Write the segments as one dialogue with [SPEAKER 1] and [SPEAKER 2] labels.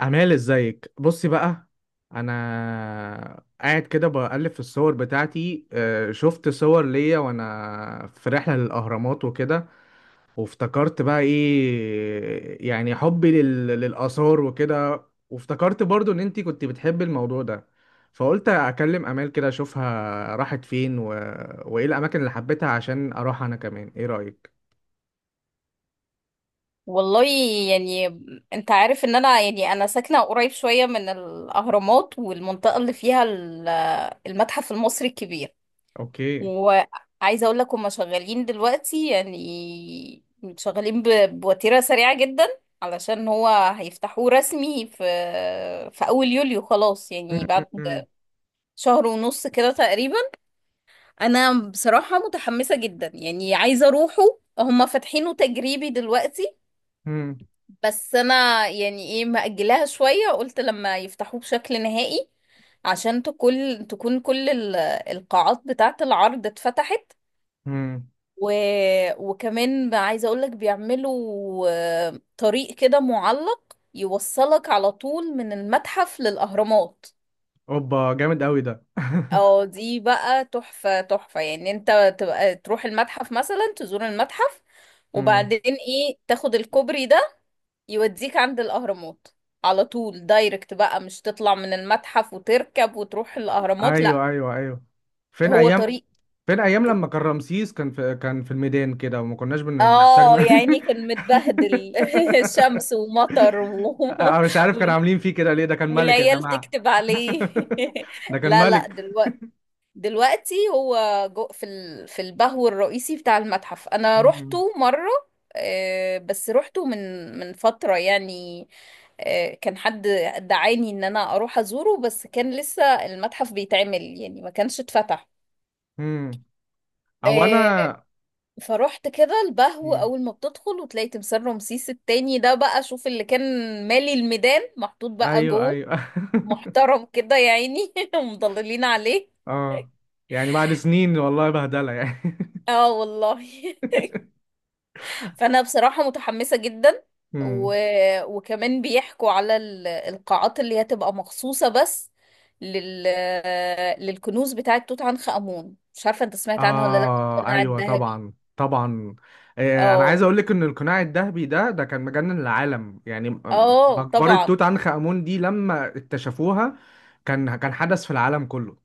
[SPEAKER 1] أمال، ازيك؟ بصي بقى. انا قاعد كده بقلب في الصور بتاعتي، شفت صور ليا وانا في رحلة للأهرامات وكده. وافتكرت بقى ايه يعني حبي للآثار وكده. وافتكرت برضو ان انتي كنت بتحبي الموضوع ده. فقلت اكلم امال كده اشوفها راحت فين وايه الاماكن اللي حبيتها عشان اروح انا كمان؟ ايه رأيك؟
[SPEAKER 2] والله. يعني انت عارف ان انا ساكنة قريب شوية من الاهرامات، والمنطقة اللي فيها المتحف المصري الكبير.
[SPEAKER 1] اوكي.
[SPEAKER 2] وعايزة اقول لك هما شغالين دلوقتي، يعني شغالين بوتيرة سريعة جدا، علشان هو هيفتحوه رسمي في في اول يوليو، خلاص،
[SPEAKER 1] م-
[SPEAKER 2] يعني بعد
[SPEAKER 1] م-
[SPEAKER 2] شهر ونص كده تقريبا. انا بصراحة متحمسة جدا، يعني عايزة اروحه. هما فاتحينه تجريبي دلوقتي،
[SPEAKER 1] م- م-
[SPEAKER 2] بس انا يعني ايه مأجلاها شوية، قلت لما يفتحوه بشكل نهائي، عشان تكون كل القاعات بتاعة العرض اتفتحت.
[SPEAKER 1] م.
[SPEAKER 2] و... وكمان عايزة اقولك بيعملوا طريق كده معلق يوصلك على طول من المتحف للأهرامات.
[SPEAKER 1] اوبا، جامد قوي ده
[SPEAKER 2] اه، دي بقى تحفة تحفة، يعني انت تبقى تروح المتحف مثلا، تزور المتحف
[SPEAKER 1] مم.
[SPEAKER 2] وبعدين ايه تاخد الكوبري ده يوديك عند الأهرامات على طول دايركت بقى، مش تطلع من المتحف وتركب وتروح الأهرامات، لا.
[SPEAKER 1] ايوه، ايوه، ايوه. فين
[SPEAKER 2] هو
[SPEAKER 1] ايام،
[SPEAKER 2] طريق.
[SPEAKER 1] فين ايام لما كان رمسيس كان في الميدان كده وما كناش بنحتاج
[SPEAKER 2] اه يعني كان متبهدل، شمس ومطر
[SPEAKER 1] انا مش عارف كانوا
[SPEAKER 2] وال-
[SPEAKER 1] عاملين فيه كده ليه، ده كان ملك يا
[SPEAKER 2] والعيال
[SPEAKER 1] جماعة
[SPEAKER 2] تكتب عليه.
[SPEAKER 1] ده كان
[SPEAKER 2] لا لا،
[SPEAKER 1] ملك.
[SPEAKER 2] دلوقتي هو جو في البهو الرئيسي بتاع المتحف. انا
[SPEAKER 1] مم.
[SPEAKER 2] روحته مرة، بس روحته من من فترة يعني. كان حد دعاني ان انا اروح ازوره، بس كان لسه المتحف بيتعمل، يعني ما كانش اتفتح.
[SPEAKER 1] مم. او انا.
[SPEAKER 2] آه، فروحت كده البهو،
[SPEAKER 1] مم.
[SPEAKER 2] اول ما بتدخل وتلاقي تمثال رمسيس التاني ده بقى، شوف اللي كان مالي الميدان محطوط بقى
[SPEAKER 1] ايوه
[SPEAKER 2] جوه،
[SPEAKER 1] ايوه
[SPEAKER 2] محترم كده يا عيني، ومضللين عليه.
[SPEAKER 1] اه، يعني بعد سنين والله بهدلة يعني
[SPEAKER 2] اه والله. فانا بصراحة متحمسة جدا. و...
[SPEAKER 1] مم.
[SPEAKER 2] وكمان بيحكوا على القاعات اللي هتبقى مخصوصة بس لل... للكنوز بتاعة توت عنخ آمون. مش عارفة انت سمعت عنها ولا لا؟
[SPEAKER 1] آه،
[SPEAKER 2] القناع
[SPEAKER 1] أيوه،
[SPEAKER 2] الذهبي.
[SPEAKER 1] طبعا طبعا. آه، أنا عايز
[SPEAKER 2] اه.
[SPEAKER 1] أقول لك إن القناع الذهبي ده، كان مجنن العالم يعني،
[SPEAKER 2] اه
[SPEAKER 1] مقبرة توت
[SPEAKER 2] طبعا.
[SPEAKER 1] عنخ آمون دي لما اكتشفوها كان حدث في العالم كله.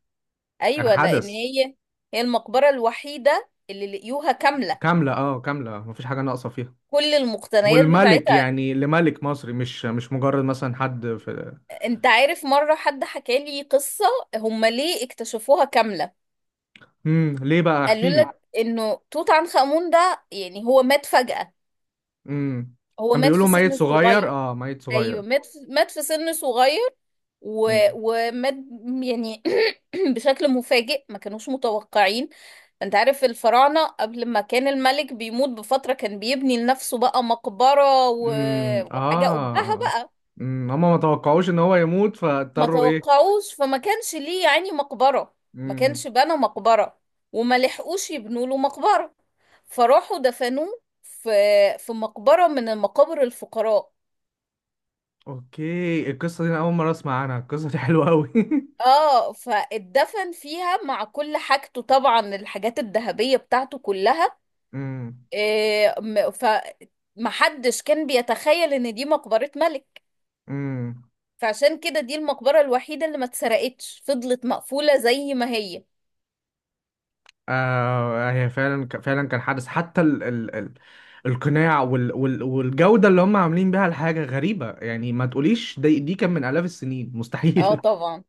[SPEAKER 1] كان
[SPEAKER 2] ايوه، لان
[SPEAKER 1] حدث.
[SPEAKER 2] هي المقبرة الوحيدة اللي لقيوها كاملة،
[SPEAKER 1] كاملة، أه كاملة، مفيش حاجة ناقصة فيها.
[SPEAKER 2] كل المقتنيات
[SPEAKER 1] والملك
[SPEAKER 2] بتاعتها.
[SPEAKER 1] يعني، لملك مصري مش مجرد مثلا حد في...
[SPEAKER 2] انت عارف مرة حد حكى لي قصة هم ليه اكتشفوها كاملة؟
[SPEAKER 1] مم. ليه بقى؟
[SPEAKER 2] قالوا
[SPEAKER 1] احكي لي.
[SPEAKER 2] لك انه توت عنخ آمون ده يعني هو مات فجأة.
[SPEAKER 1] مم.
[SPEAKER 2] هو
[SPEAKER 1] كان
[SPEAKER 2] مات
[SPEAKER 1] بيقولوا
[SPEAKER 2] في
[SPEAKER 1] ميت
[SPEAKER 2] سن
[SPEAKER 1] صغير،
[SPEAKER 2] صغير.
[SPEAKER 1] أه ميت
[SPEAKER 2] ايوه،
[SPEAKER 1] صغير.
[SPEAKER 2] مات في سن صغير. ومات، يعني، بشكل مفاجئ، ما كانوش متوقعين. انت عارف الفراعنة قبل ما كان الملك بيموت بفترة كان بيبني لنفسه بقى مقبرة
[SPEAKER 1] امم،
[SPEAKER 2] وحاجة قبها
[SPEAKER 1] اه.
[SPEAKER 2] بقى.
[SPEAKER 1] امم، هما ما توقعوش ان هو يموت
[SPEAKER 2] ما
[SPEAKER 1] فاضطروا ايه.
[SPEAKER 2] توقعوش، فما كانش ليه يعني مقبرة، ما
[SPEAKER 1] امم.
[SPEAKER 2] كانش بنى مقبرة، وما لحقوش يبنوا له مقبرة، فراحوا دفنوه في مقبرة من المقابر الفقراء.
[SPEAKER 1] اوكي، القصه دي انا اول مره اسمع عنها، القصه دي حلوه قوي
[SPEAKER 2] اه، فاتدفن فيها مع كل حاجته طبعا، الحاجات الذهبية بتاعته كلها.
[SPEAKER 1] امم.
[SPEAKER 2] إيه م- فمحدش كان بيتخيل ان دي مقبرة ملك.
[SPEAKER 1] امم.
[SPEAKER 2] فعشان كده دي المقبرة الوحيدة اللي ما اتسرقتش، فضلت مقفولة زي ما هي.
[SPEAKER 1] آه، هي فعلا فعلا كان حدث، حتى ال القناع وال والجوده اللي هم عاملين بيها، الحاجه غريبه يعني ما تقوليش دي كان من الاف السنين،
[SPEAKER 2] اه
[SPEAKER 1] مستحيل.
[SPEAKER 2] طبعا.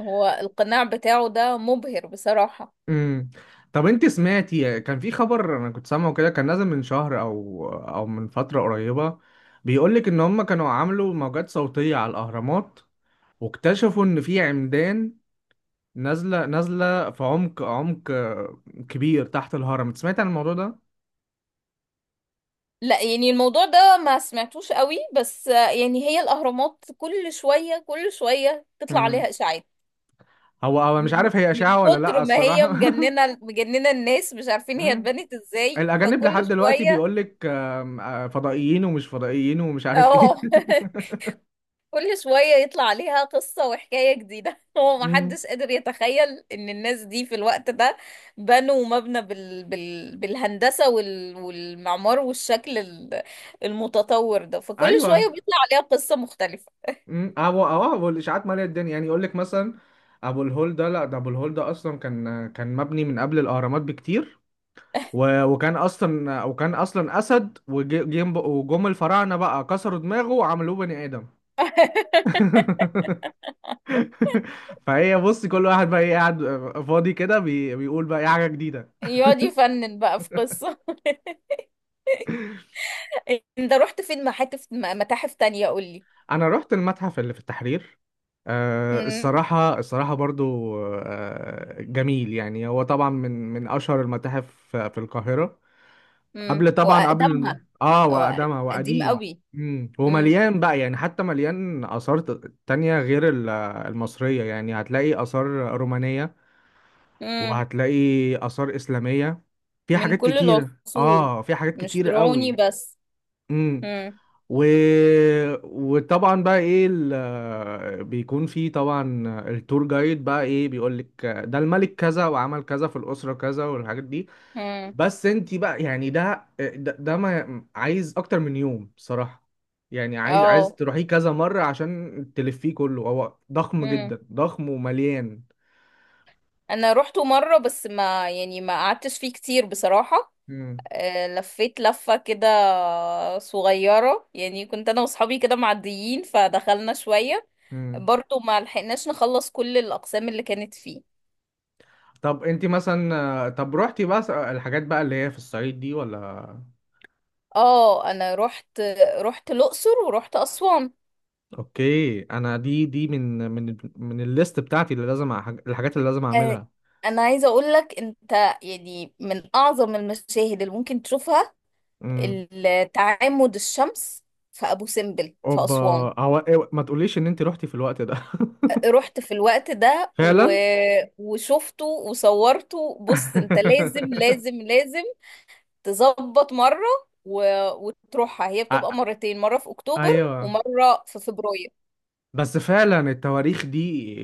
[SPEAKER 2] هو القناع بتاعه ده مبهر بصراحة.
[SPEAKER 1] امم. طب انت سمعتي كان في خبر، انا كنت سامعه كده كان نازل من شهر او من فتره قريبه، بيقول لك ان هم كانوا عملوا موجات صوتيه على الاهرامات، واكتشفوا ان في عمدان نازله في عمق كبير تحت الهرم. انت سمعت عن الموضوع ده؟
[SPEAKER 2] لا، يعني الموضوع ده ما سمعتوش قوي، بس يعني هي الأهرامات كل شوية كل شوية تطلع
[SPEAKER 1] امم.
[SPEAKER 2] عليها إشاعات،
[SPEAKER 1] هو مش
[SPEAKER 2] من
[SPEAKER 1] عارف هي
[SPEAKER 2] من
[SPEAKER 1] اشاعه ولا
[SPEAKER 2] كتر
[SPEAKER 1] لا،
[SPEAKER 2] ما هي
[SPEAKER 1] الصراحه
[SPEAKER 2] مجننه مجننه، الناس مش عارفين هي
[SPEAKER 1] امم.
[SPEAKER 2] اتبنت ازاي،
[SPEAKER 1] الاجانب
[SPEAKER 2] فكل
[SPEAKER 1] لحد دلوقتي
[SPEAKER 2] شويه.
[SPEAKER 1] بيقول لك فضائيين ومش فضائيين ومش عارف ايه
[SPEAKER 2] اه. كل شويه يطلع عليها قصه وحكايه جديده. هو ما
[SPEAKER 1] امم.
[SPEAKER 2] حدش قادر يتخيل ان الناس دي في الوقت ده بنوا مبنى بالهندسه والمعمار والشكل المتطور ده، فكل شويه
[SPEAKER 1] ايوه.
[SPEAKER 2] بيطلع عليها قصه مختلفه،
[SPEAKER 1] امم. ابو، اه ابو الاشاعات ماليه الدنيا، يعني يقول لك مثلا ابو الهول ده، لا ده ابو الهول ده اصلا كان مبني من قبل الاهرامات بكتير، وكان اصلا اسد، وجم الفراعنه بقى كسروا دماغه وعملوه بني ادم فهي بص، كل واحد بقى ايه قاعد فاضي كده بيقول بقى ايه حاجه جديده.
[SPEAKER 2] يقعد يفنن بقى في قصه. انت رحت فين، متاحف تانية؟
[SPEAKER 1] انا رحت المتحف اللي في التحرير. آه
[SPEAKER 2] قولي.
[SPEAKER 1] الصراحة، الصراحة برضو آه جميل، يعني هو طبعا من أشهر المتاحف في القاهرة.
[SPEAKER 2] امم،
[SPEAKER 1] قبل طبعا قبل،
[SPEAKER 2] واقدمها.
[SPEAKER 1] اه
[SPEAKER 2] هو
[SPEAKER 1] وقدمها،
[SPEAKER 2] قديم
[SPEAKER 1] وقديم.
[SPEAKER 2] قوي.
[SPEAKER 1] امم،
[SPEAKER 2] امم.
[SPEAKER 1] ومليان بقى يعني، حتى مليان آثار تانية غير المصرية، يعني هتلاقي آثار رومانية،
[SPEAKER 2] امم.
[SPEAKER 1] وهتلاقي آثار إسلامية، في
[SPEAKER 2] من
[SPEAKER 1] حاجات
[SPEAKER 2] كل
[SPEAKER 1] كتيرة،
[SPEAKER 2] العصور،
[SPEAKER 1] اه في حاجات
[SPEAKER 2] مش
[SPEAKER 1] كتيرة
[SPEAKER 2] فرعوني
[SPEAKER 1] قوي.
[SPEAKER 2] بس.
[SPEAKER 1] امم.
[SPEAKER 2] امم.
[SPEAKER 1] و... وطبعا بقى ايه بيكون في طبعا التور جايد بقى ايه، بيقول لك ده الملك كذا وعمل كذا في الأسرة كذا والحاجات دي.
[SPEAKER 2] امم.
[SPEAKER 1] بس انت بقى يعني ده ما عايز اكتر من يوم صراحة، يعني عايز
[SPEAKER 2] اه،
[SPEAKER 1] تروحيه كذا مرة عشان تلفيه كله، هو ضخم
[SPEAKER 2] امم.
[SPEAKER 1] جدا، ضخم ومليان.
[SPEAKER 2] انا روحته مره، بس ما يعني ما قعدتش فيه كتير بصراحه.
[SPEAKER 1] مم.
[SPEAKER 2] لفيت لفه كده صغيره، يعني كنت انا واصحابي كده معديين فدخلنا شويه.
[SPEAKER 1] مم.
[SPEAKER 2] برضو ما لحقناش نخلص كل الاقسام اللي كانت فيه.
[SPEAKER 1] طب انت مثلا، طب روحتي بقى الحاجات بقى اللي هي في الصعيد دي ولا؟
[SPEAKER 2] اه، انا رحت، الاقصر ورحت اسوان.
[SPEAKER 1] اوكي، انا دي من الليست بتاعتي اللي لازم الحاجات اللي لازم
[SPEAKER 2] آه،
[SPEAKER 1] اعملها.
[SPEAKER 2] انا عايزه اقول لك، انت يعني من اعظم المشاهد اللي ممكن تشوفها
[SPEAKER 1] امم.
[SPEAKER 2] تعامد الشمس في ابو سمبل في
[SPEAKER 1] اوبا.
[SPEAKER 2] اسوان.
[SPEAKER 1] هو إيه، ما تقوليش ان انت روحتي في الوقت ده؟
[SPEAKER 2] رحت في الوقت ده
[SPEAKER 1] فعلا
[SPEAKER 2] وشفته وصورته. بص، انت لازم لازم لازم تظبط مره و... وتروحها. هي بتبقى
[SPEAKER 1] أ-
[SPEAKER 2] مرتين، مره في اكتوبر
[SPEAKER 1] ايوه.
[SPEAKER 2] ومره في فبراير.
[SPEAKER 1] بس فعلا التواريخ دي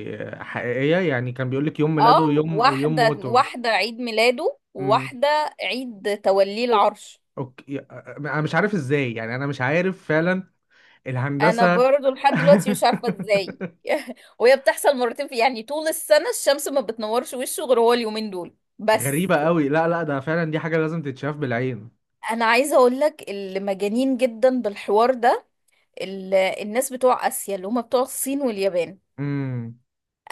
[SPEAKER 1] حقيقية، يعني كان بيقولك يوم
[SPEAKER 2] اه،
[SPEAKER 1] ميلاده، يوم أو يوم
[SPEAKER 2] واحده
[SPEAKER 1] موته.
[SPEAKER 2] واحده عيد ميلاده،
[SPEAKER 1] امم.
[SPEAKER 2] وواحده عيد توليه العرش.
[SPEAKER 1] أوكي، أنا مش عارف إزاي، يعني أنا مش عارف فعلا
[SPEAKER 2] انا
[SPEAKER 1] الهندسة
[SPEAKER 2] برضو لحد دلوقتي مش عارفه ازاي. وهي بتحصل مرتين في، يعني، طول السنه الشمس ما بتنورش وشه غير هو اليومين دول بس.
[SPEAKER 1] غريبة قوي، لا لا ده فعلا، دي حاجة لازم تتشاف بالعين.
[SPEAKER 2] انا عايزه اقول لك، اللي مجانين جدا بالحوار ده الناس بتوع اسيا، اللي هم بتوع الصين واليابان.
[SPEAKER 1] امم.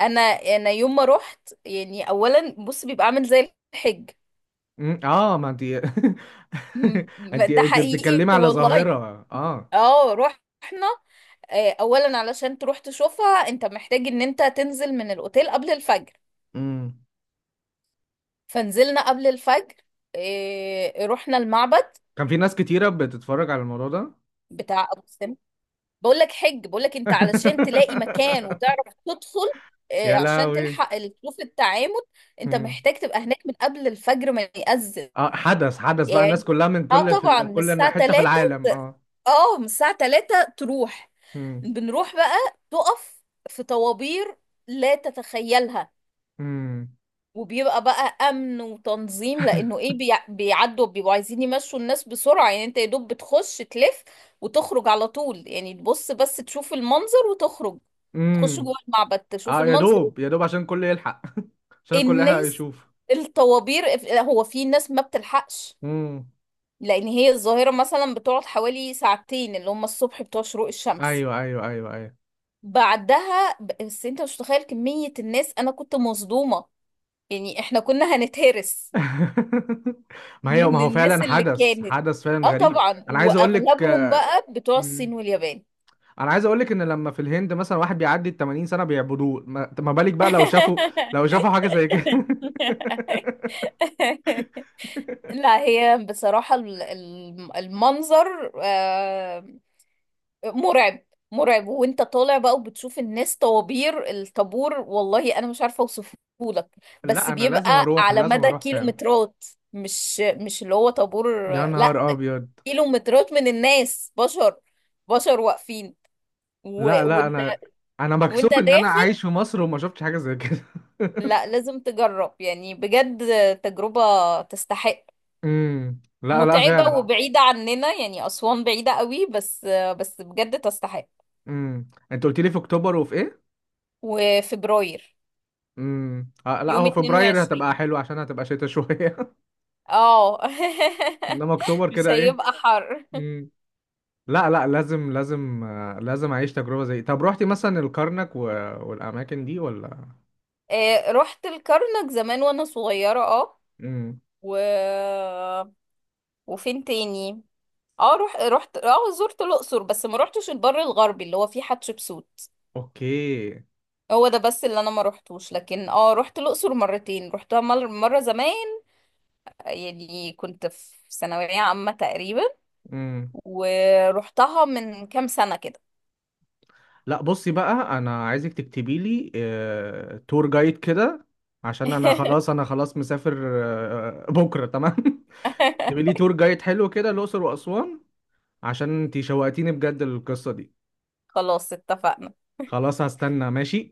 [SPEAKER 2] انا انا يوم ما رحت، يعني، اولا بص بيبقى عامل زي الحج.
[SPEAKER 1] أمم، اه، ما انت انت
[SPEAKER 2] ده
[SPEAKER 1] انت
[SPEAKER 2] حقيقي
[SPEAKER 1] بتتكلمي على
[SPEAKER 2] والله.
[SPEAKER 1] ظاهرة، اه.
[SPEAKER 2] اه، رحنا. اولا علشان تروح تشوفها انت محتاج ان انت تنزل من الاوتيل قبل الفجر.
[SPEAKER 1] امم.
[SPEAKER 2] فنزلنا قبل الفجر، إيه، رحنا المعبد
[SPEAKER 1] كان في ناس كتيرة بتتفرج على الموضوع ده؟
[SPEAKER 2] بتاع ابو سمبل. بقول لك حج، بقول لك انت علشان تلاقي مكان وتعرف تدخل، إيه،
[SPEAKER 1] يا
[SPEAKER 2] عشان
[SPEAKER 1] لهوي.
[SPEAKER 2] تلحق تشوف التعامد، انت
[SPEAKER 1] مم.
[SPEAKER 2] محتاج تبقى هناك من قبل الفجر ما يأذن.
[SPEAKER 1] اه حدث، حدث بقى،
[SPEAKER 2] يعني
[SPEAKER 1] الناس كلها من
[SPEAKER 2] اه
[SPEAKER 1] كل، في
[SPEAKER 2] طبعا من
[SPEAKER 1] كل
[SPEAKER 2] الساعة
[SPEAKER 1] حتة في
[SPEAKER 2] 3،
[SPEAKER 1] العالم، اه.
[SPEAKER 2] اه من الساعة 3 تروح،
[SPEAKER 1] امم.
[SPEAKER 2] بنروح بقى، تقف في طوابير لا تتخيلها.
[SPEAKER 1] امم.
[SPEAKER 2] وبيبقى بقى امن وتنظيم، لانه ايه بيعدوا، بيبقوا عايزين يمشوا الناس بسرعه، يعني انت يا دوب بتخش تلف وتخرج على طول، يعني تبص بس تشوف المنظر وتخرج، تخش
[SPEAKER 1] امم.
[SPEAKER 2] جوه المعبد تشوف
[SPEAKER 1] اه، يا
[SPEAKER 2] المنظر،
[SPEAKER 1] دوب، يا دوب عشان الكل يلحق عشان الكل يلحق
[SPEAKER 2] الناس،
[SPEAKER 1] يشوف.
[SPEAKER 2] الطوابير. هو في ناس ما بتلحقش،
[SPEAKER 1] امم.
[SPEAKER 2] لان هي الظاهره مثلا بتقعد حوالي ساعتين، اللي هم الصبح بتوع شروق الشمس.
[SPEAKER 1] ايوه ايوه ايوه ايوه
[SPEAKER 2] بعدها بس انت مش متخيل كميه الناس، انا كنت مصدومه، يعني احنا كنا هنتهرس
[SPEAKER 1] ما هي، ما
[SPEAKER 2] من
[SPEAKER 1] هو
[SPEAKER 2] الناس
[SPEAKER 1] فعلا
[SPEAKER 2] اللي
[SPEAKER 1] حدث،
[SPEAKER 2] كانت.
[SPEAKER 1] حدث فعلا
[SPEAKER 2] اه
[SPEAKER 1] غريب،
[SPEAKER 2] طبعا،
[SPEAKER 1] انا عايز اقول لك.
[SPEAKER 2] واغلبهم بقى بتوع
[SPEAKER 1] مم.
[SPEAKER 2] الصين واليابان.
[SPEAKER 1] انا عايز اقول لك ان لما في الهند مثلا واحد بيعدي ال 80 سنة بيعبدوه، ما بالك بقى لو شافوا، لو شافوا حاجة زي كده
[SPEAKER 2] لا هي بصراحة المنظر مرعب، مرعب. وانت طالع بقى وبتشوف الناس طوابير الطابور، والله انا مش عارفة اوصفه لك، بس
[SPEAKER 1] لا انا لازم
[SPEAKER 2] بيبقى
[SPEAKER 1] اروح،
[SPEAKER 2] على
[SPEAKER 1] لازم
[SPEAKER 2] مدى
[SPEAKER 1] اروح فعلا.
[SPEAKER 2] كيلومترات. مش اللي هو طابور،
[SPEAKER 1] يا نهار
[SPEAKER 2] لا،
[SPEAKER 1] ابيض.
[SPEAKER 2] كيلومترات من الناس، بشر بشر
[SPEAKER 1] لا لا
[SPEAKER 2] واقفين،
[SPEAKER 1] انا، انا
[SPEAKER 2] وانت
[SPEAKER 1] مكسوف ان انا
[SPEAKER 2] داخل.
[SPEAKER 1] عايش في مصر وما شفتش حاجه زي كده
[SPEAKER 2] لا لازم تجرب يعني بجد، تجربة تستحق.
[SPEAKER 1] امم. لا لا
[SPEAKER 2] متعبة
[SPEAKER 1] فعلا.
[SPEAKER 2] وبعيدة عننا، يعني أسوان بعيدة قوي، بس بس بجد تستحق.
[SPEAKER 1] امم. انت قلت لي في اكتوبر وفي ايه؟
[SPEAKER 2] وفبراير
[SPEAKER 1] امم. آه، لا
[SPEAKER 2] يوم
[SPEAKER 1] هو فبراير هتبقى
[SPEAKER 2] 22.
[SPEAKER 1] حلو عشان هتبقى شتاء شويه
[SPEAKER 2] اه.
[SPEAKER 1] انما اكتوبر
[SPEAKER 2] مش
[SPEAKER 1] كده ايه.
[SPEAKER 2] هيبقى حر.
[SPEAKER 1] امم. لا لا لازم، لازم اعيش تجربه زي. طب روحتي مثلا الكرنك والاماكن دي ولا؟
[SPEAKER 2] رحت الكرنك زمان وانا صغيرة، اه،
[SPEAKER 1] امم.
[SPEAKER 2] و... وفين تاني؟ اه، رحت رحت اه زرت الأقصر، بس ما رحتش البر الغربي اللي هو فيه حتشبسوت.
[SPEAKER 1] اوكي.
[SPEAKER 2] هو ده بس اللي انا ما روحتوش. لكن اه روحت الاقصر مرتين، روحتها مره زمان، يعني كنت في ثانويه عامه تقريبا،
[SPEAKER 1] امم.
[SPEAKER 2] ورحتها من كام سنه كده.
[SPEAKER 1] لا بصي بقى، انا عايزك تكتبي لي، تور جايد كده، عشان انا خلاص، انا خلاص مسافر، بكره تمام تبقي لي تور جايد حلو كده، الاقصر واسوان، عشان انتي شوقتيني بجد للقصه دي.
[SPEAKER 2] خلاص اتفقنا.
[SPEAKER 1] خلاص هستنى، ماشي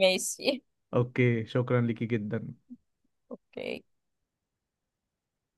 [SPEAKER 2] ماشي.
[SPEAKER 1] اوكي، شكرا ليكي جدا.
[SPEAKER 2] اوكي.